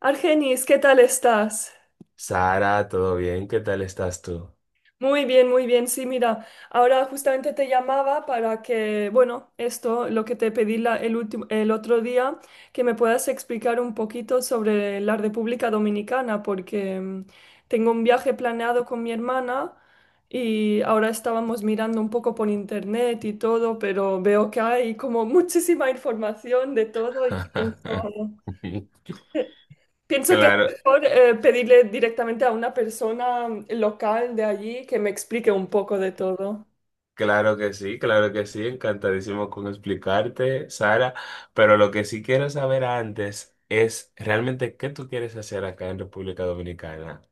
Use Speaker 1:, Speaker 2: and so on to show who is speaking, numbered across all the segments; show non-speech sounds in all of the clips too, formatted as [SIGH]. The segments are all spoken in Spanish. Speaker 1: Argenis, ¿qué tal estás?
Speaker 2: Sara, ¿todo bien? ¿Qué tal estás tú?
Speaker 1: Muy bien, muy bien. Sí, mira, ahora justamente te llamaba para que, bueno, esto, lo que te pedí el último, el otro día, que me puedas explicar un poquito sobre la República Dominicana, porque tengo un viaje planeado con mi hermana y ahora estábamos mirando un poco por internet y todo, pero veo que hay como [LAUGHS] muchísima información de todo y
Speaker 2: [LAUGHS]
Speaker 1: pienso. Pienso que es
Speaker 2: Claro,
Speaker 1: mejor pedirle directamente a una persona local de allí que me explique un poco de todo.
Speaker 2: claro que sí, encantadísimo con explicarte, Sara, pero lo que sí quiero saber antes es realmente qué tú quieres hacer acá en República Dominicana.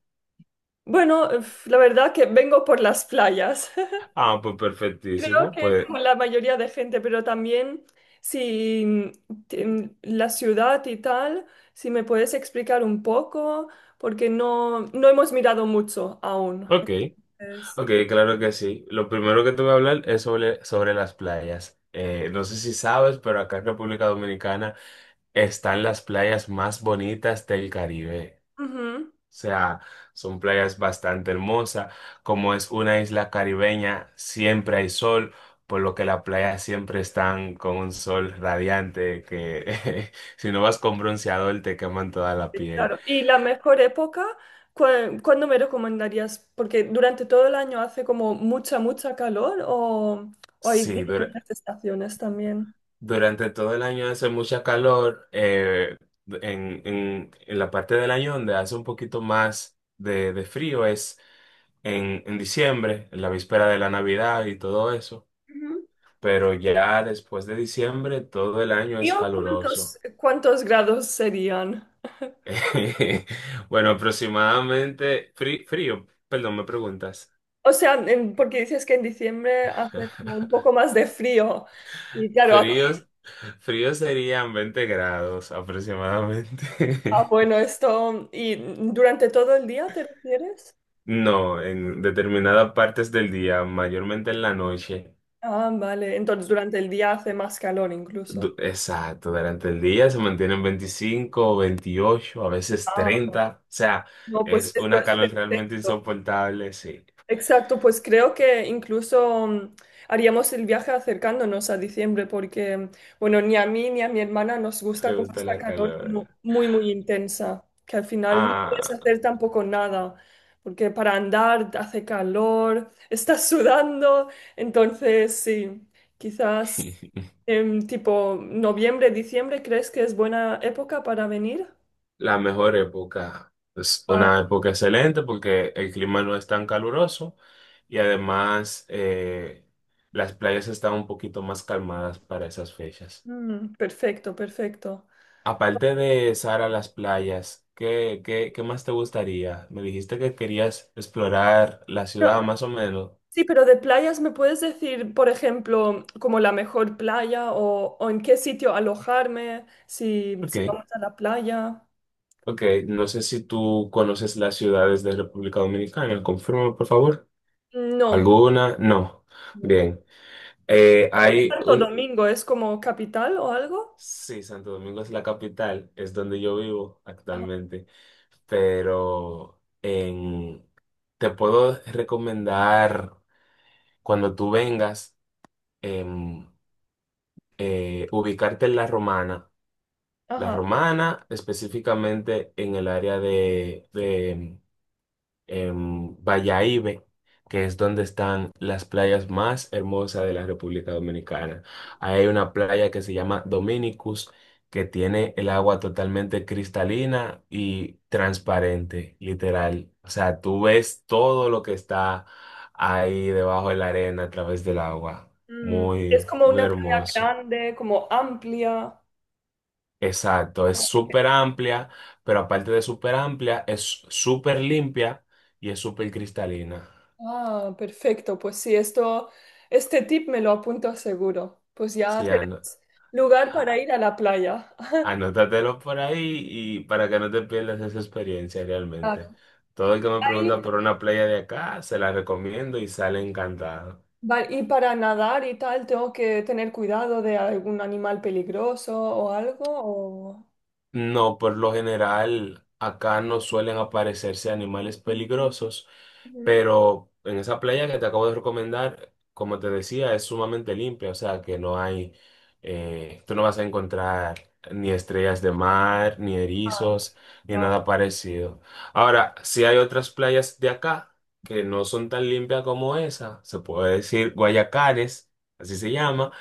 Speaker 1: Bueno, uf, la verdad que vengo por las playas. [LAUGHS]
Speaker 2: Ah, pues
Speaker 1: Creo
Speaker 2: perfectísimo,
Speaker 1: que
Speaker 2: pues,
Speaker 1: como la mayoría de gente, pero también si la ciudad y tal, si me puedes explicar un poco, porque no hemos mirado mucho aún.
Speaker 2: ok,
Speaker 1: Entonces,
Speaker 2: ok, claro que sí. Lo primero que te voy a hablar es sobre las playas. No sé si sabes, pero acá en República Dominicana están las playas más bonitas del Caribe.
Speaker 1: ujú.
Speaker 2: O sea, son playas bastante hermosas. Como es una isla caribeña, siempre hay sol, por lo que las playas siempre están con un sol radiante que [LAUGHS] si no vas con bronceador te queman toda la
Speaker 1: Sí,
Speaker 2: piel.
Speaker 1: claro, y la mejor época, ¿cuándo me recomendarías? Porque durante todo el año hace como mucha, mucha calor o hay
Speaker 2: Sí,
Speaker 1: diferentes estaciones también.
Speaker 2: durante todo el año hace mucha calor. En la parte del año donde hace un poquito más de frío es en diciembre, en la víspera de la Navidad y todo eso.
Speaker 1: Ujú.
Speaker 2: Pero ya después de diciembre todo el año es
Speaker 1: Tío, ¿cuántos,
Speaker 2: caluroso.
Speaker 1: cuántos grados serían?
Speaker 2: [LAUGHS] Bueno, aproximadamente frío, perdón, me preguntas.
Speaker 1: O sea, porque dices que en diciembre hace como un poco
Speaker 2: [LAUGHS]
Speaker 1: más de frío. Y claro, aquí
Speaker 2: Fríos, fríos serían 20 grados
Speaker 1: está
Speaker 2: aproximadamente. [LAUGHS]
Speaker 1: bueno esto. ¿Y durante todo el día te refieres?
Speaker 2: No, en determinadas partes del día, mayormente en la noche.
Speaker 1: Ah, vale. Entonces durante el día hace más calor incluso.
Speaker 2: Exacto, durante el día se mantienen 25 28 a veces
Speaker 1: Ah,
Speaker 2: 30. O sea,
Speaker 1: no, pues
Speaker 2: es
Speaker 1: esto
Speaker 2: una
Speaker 1: es
Speaker 2: calor realmente
Speaker 1: perfecto.
Speaker 2: insoportable, sí.
Speaker 1: Exacto, pues creo que incluso haríamos el viaje acercándonos a diciembre porque, bueno, ni a mí ni a mi hermana nos gusta
Speaker 2: Le
Speaker 1: como
Speaker 2: gusta
Speaker 1: esta
Speaker 2: la
Speaker 1: calor
Speaker 2: calor.
Speaker 1: como muy, muy intensa, que al final no puedes
Speaker 2: Ah,
Speaker 1: hacer tampoco nada, porque para andar hace calor, [LAUGHS] estás sudando, entonces sí, quizás en tipo noviembre, diciembre, ¿crees que es buena época para venir?
Speaker 2: [LAUGHS] la mejor época. Es
Speaker 1: Ah,
Speaker 2: una época excelente porque el clima no es tan caluroso y además las playas están un poquito más calmadas para esas fechas.
Speaker 1: perfecto, perfecto.
Speaker 2: Aparte de Sara, las playas, ¿qué más te gustaría? Me dijiste que querías explorar la ciudad más o menos.
Speaker 1: Sí, pero de playas, ¿me puedes decir, por ejemplo, como la mejor playa o en qué sitio alojarme si,
Speaker 2: Ok,
Speaker 1: si vamos a la playa?
Speaker 2: ok. No sé si tú conoces las ciudades de República Dominicana. Confírmame, por favor.
Speaker 1: No.
Speaker 2: ¿Alguna? No. Bien. Eh,
Speaker 1: ¿Es
Speaker 2: hay
Speaker 1: Santo
Speaker 2: un,
Speaker 1: Domingo es como capital o algo?
Speaker 2: Sí, Santo Domingo es la capital, es donde yo vivo
Speaker 1: Ajá.
Speaker 2: actualmente, pero te puedo recomendar cuando tú vengas em, ubicarte en La Romana. La
Speaker 1: Ajá.
Speaker 2: Romana, específicamente en el área de, en Bayahibe, que es donde están las playas más hermosas de la República Dominicana. Ahí hay una playa que se llama Dominicus, que tiene el agua totalmente cristalina y transparente, literal. O sea, tú ves todo lo que está ahí debajo de la arena a través del agua.
Speaker 1: Mm, es
Speaker 2: Muy,
Speaker 1: como
Speaker 2: muy
Speaker 1: una playa
Speaker 2: hermoso.
Speaker 1: grande, como amplia.
Speaker 2: Exacto, es súper amplia, pero aparte de súper amplia, es súper limpia y es súper cristalina.
Speaker 1: Ah, perfecto. Pues sí, esto, este tip me lo apunto seguro. Pues ya
Speaker 2: Sí, Ana.
Speaker 1: tenemos lugar para ir a la playa. [LAUGHS]
Speaker 2: Anótatelo por ahí y para que no te pierdas esa experiencia
Speaker 1: Claro.
Speaker 2: realmente. Todo el que me pregunta
Speaker 1: Ahí.
Speaker 2: por una playa de acá, se la recomiendo y sale encantado.
Speaker 1: Vale, y para nadar y tal, ¿tengo que tener cuidado de algún animal peligroso o algo? O...
Speaker 2: No, por lo general acá no suelen aparecerse animales peligrosos,
Speaker 1: Ujú.
Speaker 2: pero en esa playa que te acabo de recomendar, como te decía, es sumamente limpia, o sea que no hay, tú no vas a encontrar ni estrellas de mar, ni
Speaker 1: Ah,
Speaker 2: erizos, ni
Speaker 1: vale.
Speaker 2: nada parecido. Ahora, si hay otras playas de acá que no son tan limpias como esa, se puede decir Guayacares, así se llama.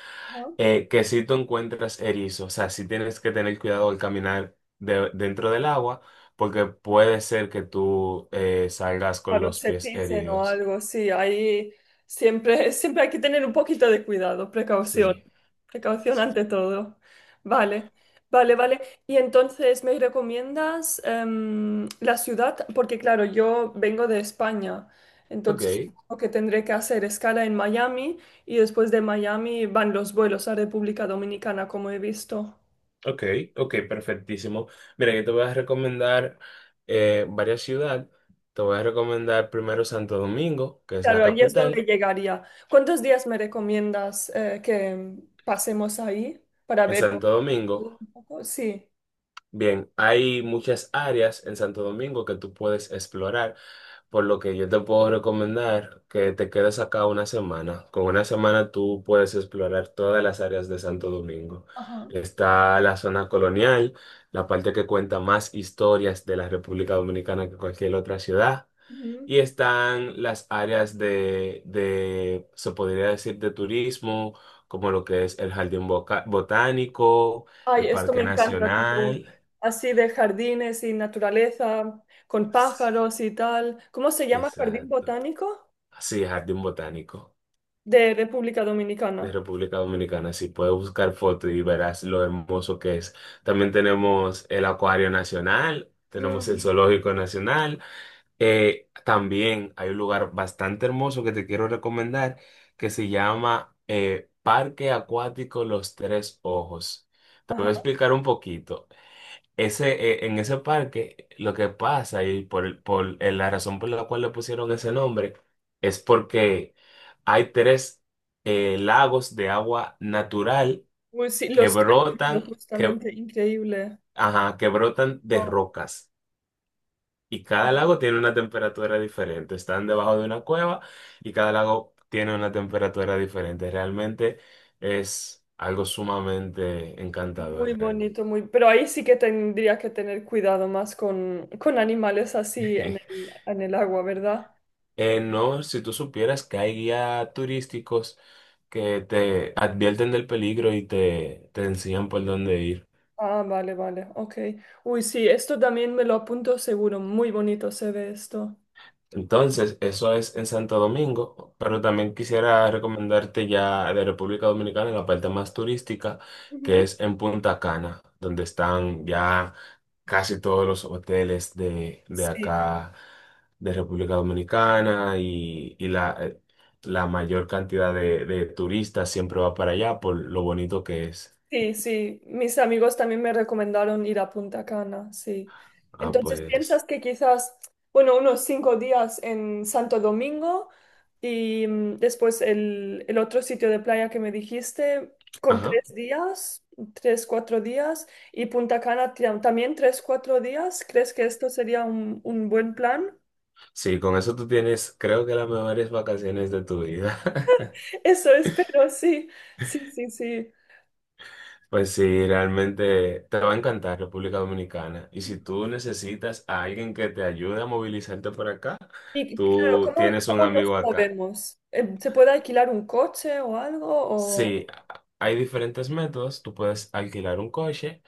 Speaker 2: Que si tú encuentras erizos, o sea, si tienes que tener cuidado al caminar dentro del agua, porque puede ser que tú salgas con
Speaker 1: Claro,
Speaker 2: los
Speaker 1: se
Speaker 2: pies
Speaker 1: pisen o
Speaker 2: heridos.
Speaker 1: algo, sí, ahí siempre, siempre hay que tener un poquito de cuidado, precaución,
Speaker 2: Sí,
Speaker 1: precaución
Speaker 2: sí.
Speaker 1: ante todo. Vale, vale, vale. Y entonces, ¿me recomiendas la ciudad? Porque claro, yo vengo de España,
Speaker 2: Ok,
Speaker 1: entonces lo que tendré que hacer escala en Miami y después de Miami van los vuelos a República Dominicana, como he visto.
Speaker 2: ok, ok, perfectísimo. Mira, yo te voy a recomendar varias ciudades. Te voy a recomendar primero Santo Domingo, que es la
Speaker 1: Claro, ahí es donde
Speaker 2: capital.
Speaker 1: llegaría. ¿Cuántos días me recomiendas que pasemos ahí para
Speaker 2: En
Speaker 1: verlo
Speaker 2: Santo Domingo.
Speaker 1: un poco? Sí.
Speaker 2: Bien, hay muchas áreas en Santo Domingo que tú puedes explorar, por lo que yo te puedo recomendar que te quedes acá una semana. Con una semana tú puedes explorar todas las áreas de Santo Domingo.
Speaker 1: Ajá.
Speaker 2: Está la zona colonial, la parte que cuenta más historias de la República Dominicana que cualquier otra ciudad.
Speaker 1: Ujú.
Speaker 2: Y están las áreas se podría decir, de turismo, como lo que es el Jardín Botánico,
Speaker 1: Ay,
Speaker 2: el
Speaker 1: esto me
Speaker 2: Parque
Speaker 1: encanta, tipo
Speaker 2: Nacional.
Speaker 1: así de jardines y naturaleza, con
Speaker 2: S-
Speaker 1: pájaros y tal. ¿Cómo se llama Jardín
Speaker 2: Exacto.
Speaker 1: Botánico
Speaker 2: Sí, Jardín Botánico
Speaker 1: de República
Speaker 2: de
Speaker 1: Dominicana?
Speaker 2: República Dominicana. Sí, puedes buscar fotos y verás lo hermoso que es. También tenemos el Acuario Nacional, tenemos el
Speaker 1: Mm.
Speaker 2: Zoológico Nacional. También hay un lugar bastante hermoso que te quiero recomendar que se llama Parque Acuático Los Tres Ojos. Te voy a
Speaker 1: Ajá.
Speaker 2: explicar un poquito. Ese, en ese parque, lo que pasa y por la razón por la cual le pusieron ese nombre es porque hay tres lagos de agua natural
Speaker 1: Uy, sí, lo
Speaker 2: que
Speaker 1: estoy viendo
Speaker 2: brotan, que,
Speaker 1: justamente, increíble.
Speaker 2: ajá, que brotan de rocas. Y cada
Speaker 1: Wow.
Speaker 2: lago tiene una temperatura diferente. Están debajo de una cueva y cada lago tiene una temperatura diferente. Realmente es algo sumamente
Speaker 1: Muy
Speaker 2: encantador, realmente.
Speaker 1: bonito, muy... Pero ahí sí que tendrías que tener cuidado más con animales así
Speaker 2: [LAUGHS]
Speaker 1: en el agua, ¿verdad?
Speaker 2: No, si tú supieras que hay guías turísticos que te advierten del peligro y te enseñan por dónde ir.
Speaker 1: Ah, vale, vale, ok. Uy, sí, esto también me lo apunto seguro. Muy bonito se ve esto.
Speaker 2: Entonces, eso es en Santo Domingo, pero también quisiera recomendarte ya de República Dominicana la parte más turística, que
Speaker 1: Ujú.
Speaker 2: es en Punta Cana, donde están ya casi todos los hoteles de
Speaker 1: Sí.
Speaker 2: acá, de República Dominicana, y la mayor cantidad de turistas siempre va para allá por lo bonito que es.
Speaker 1: Sí, sí, mis amigos también me recomendaron ir a Punta Cana, sí.
Speaker 2: Ah,
Speaker 1: Entonces, ¿piensas
Speaker 2: pues,
Speaker 1: que quizás, bueno, unos 5 días en Santo Domingo y después el otro sitio de playa que me dijiste, con
Speaker 2: ajá.
Speaker 1: 3 días, 3, 4 días, y Punta Cana también 3, 4 días? ¿Crees que esto sería un buen plan?
Speaker 2: Sí, con eso tú tienes, creo que las mejores vacaciones de tu vida. [LAUGHS]
Speaker 1: [LAUGHS] Eso espero, sí, sí, sí, sí.
Speaker 2: Pues sí, realmente te va a encantar República Dominicana. Y si tú necesitas a alguien que te ayude a movilizarte por acá,
Speaker 1: Y claro,
Speaker 2: tú
Speaker 1: ¿cómo,
Speaker 2: tienes un
Speaker 1: cómo nos
Speaker 2: amigo acá.
Speaker 1: movemos? ¿Se puede alquilar un coche o algo?
Speaker 2: Sí,
Speaker 1: O...
Speaker 2: hay diferentes métodos. Tú puedes alquilar un coche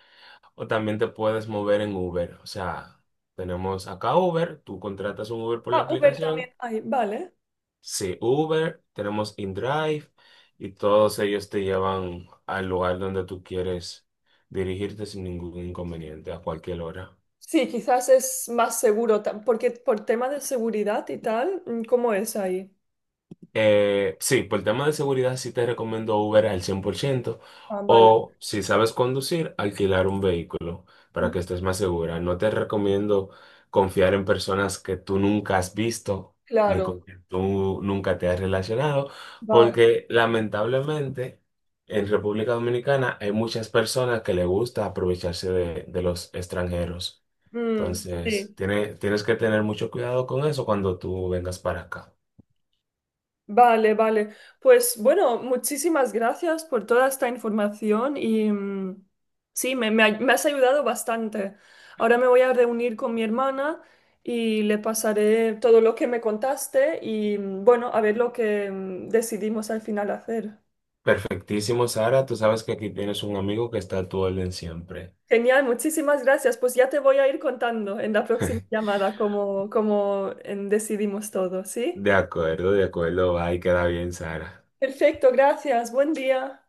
Speaker 2: o también te puedes mover en Uber. O sea, tenemos acá Uber, tú contratas un Uber por la
Speaker 1: Ah, Uber
Speaker 2: aplicación.
Speaker 1: también hay, vale.
Speaker 2: Sí, Uber, tenemos InDrive y todos ellos te llevan al lugar donde tú quieres dirigirte sin ningún inconveniente a cualquier hora.
Speaker 1: Sí, quizás es más seguro, porque por tema de seguridad y tal, ¿cómo es ahí?
Speaker 2: Sí, por el tema de seguridad sí te recomiendo Uber al 100%
Speaker 1: Ah, vale.
Speaker 2: o si sabes conducir, alquilar un vehículo para
Speaker 1: Mm,
Speaker 2: que estés más segura. No te recomiendo confiar en personas que tú nunca has visto ni
Speaker 1: claro,
Speaker 2: con que tú nunca te has relacionado,
Speaker 1: vale.
Speaker 2: porque lamentablemente en República Dominicana hay muchas personas que le gusta aprovecharse de los extranjeros.
Speaker 1: Mm,
Speaker 2: Entonces,
Speaker 1: sí.
Speaker 2: tienes que tener mucho cuidado con eso cuando tú vengas para acá.
Speaker 1: Vale, vale. Pues bueno, muchísimas gracias por toda esta información y sí, me, me has ayudado bastante. Ahora me voy a reunir con mi hermana y le pasaré todo lo que me contaste y bueno, a ver lo que decidimos al final hacer.
Speaker 2: Perfectísimo, Sara. Tú sabes que aquí tienes un amigo que está a tu orden siempre.
Speaker 1: Genial, muchísimas gracias. Pues ya te voy a ir contando en la próxima llamada cómo, cómo decidimos todo, ¿sí?
Speaker 2: De acuerdo, va y queda bien, Sara.
Speaker 1: Perfecto, gracias. Buen día.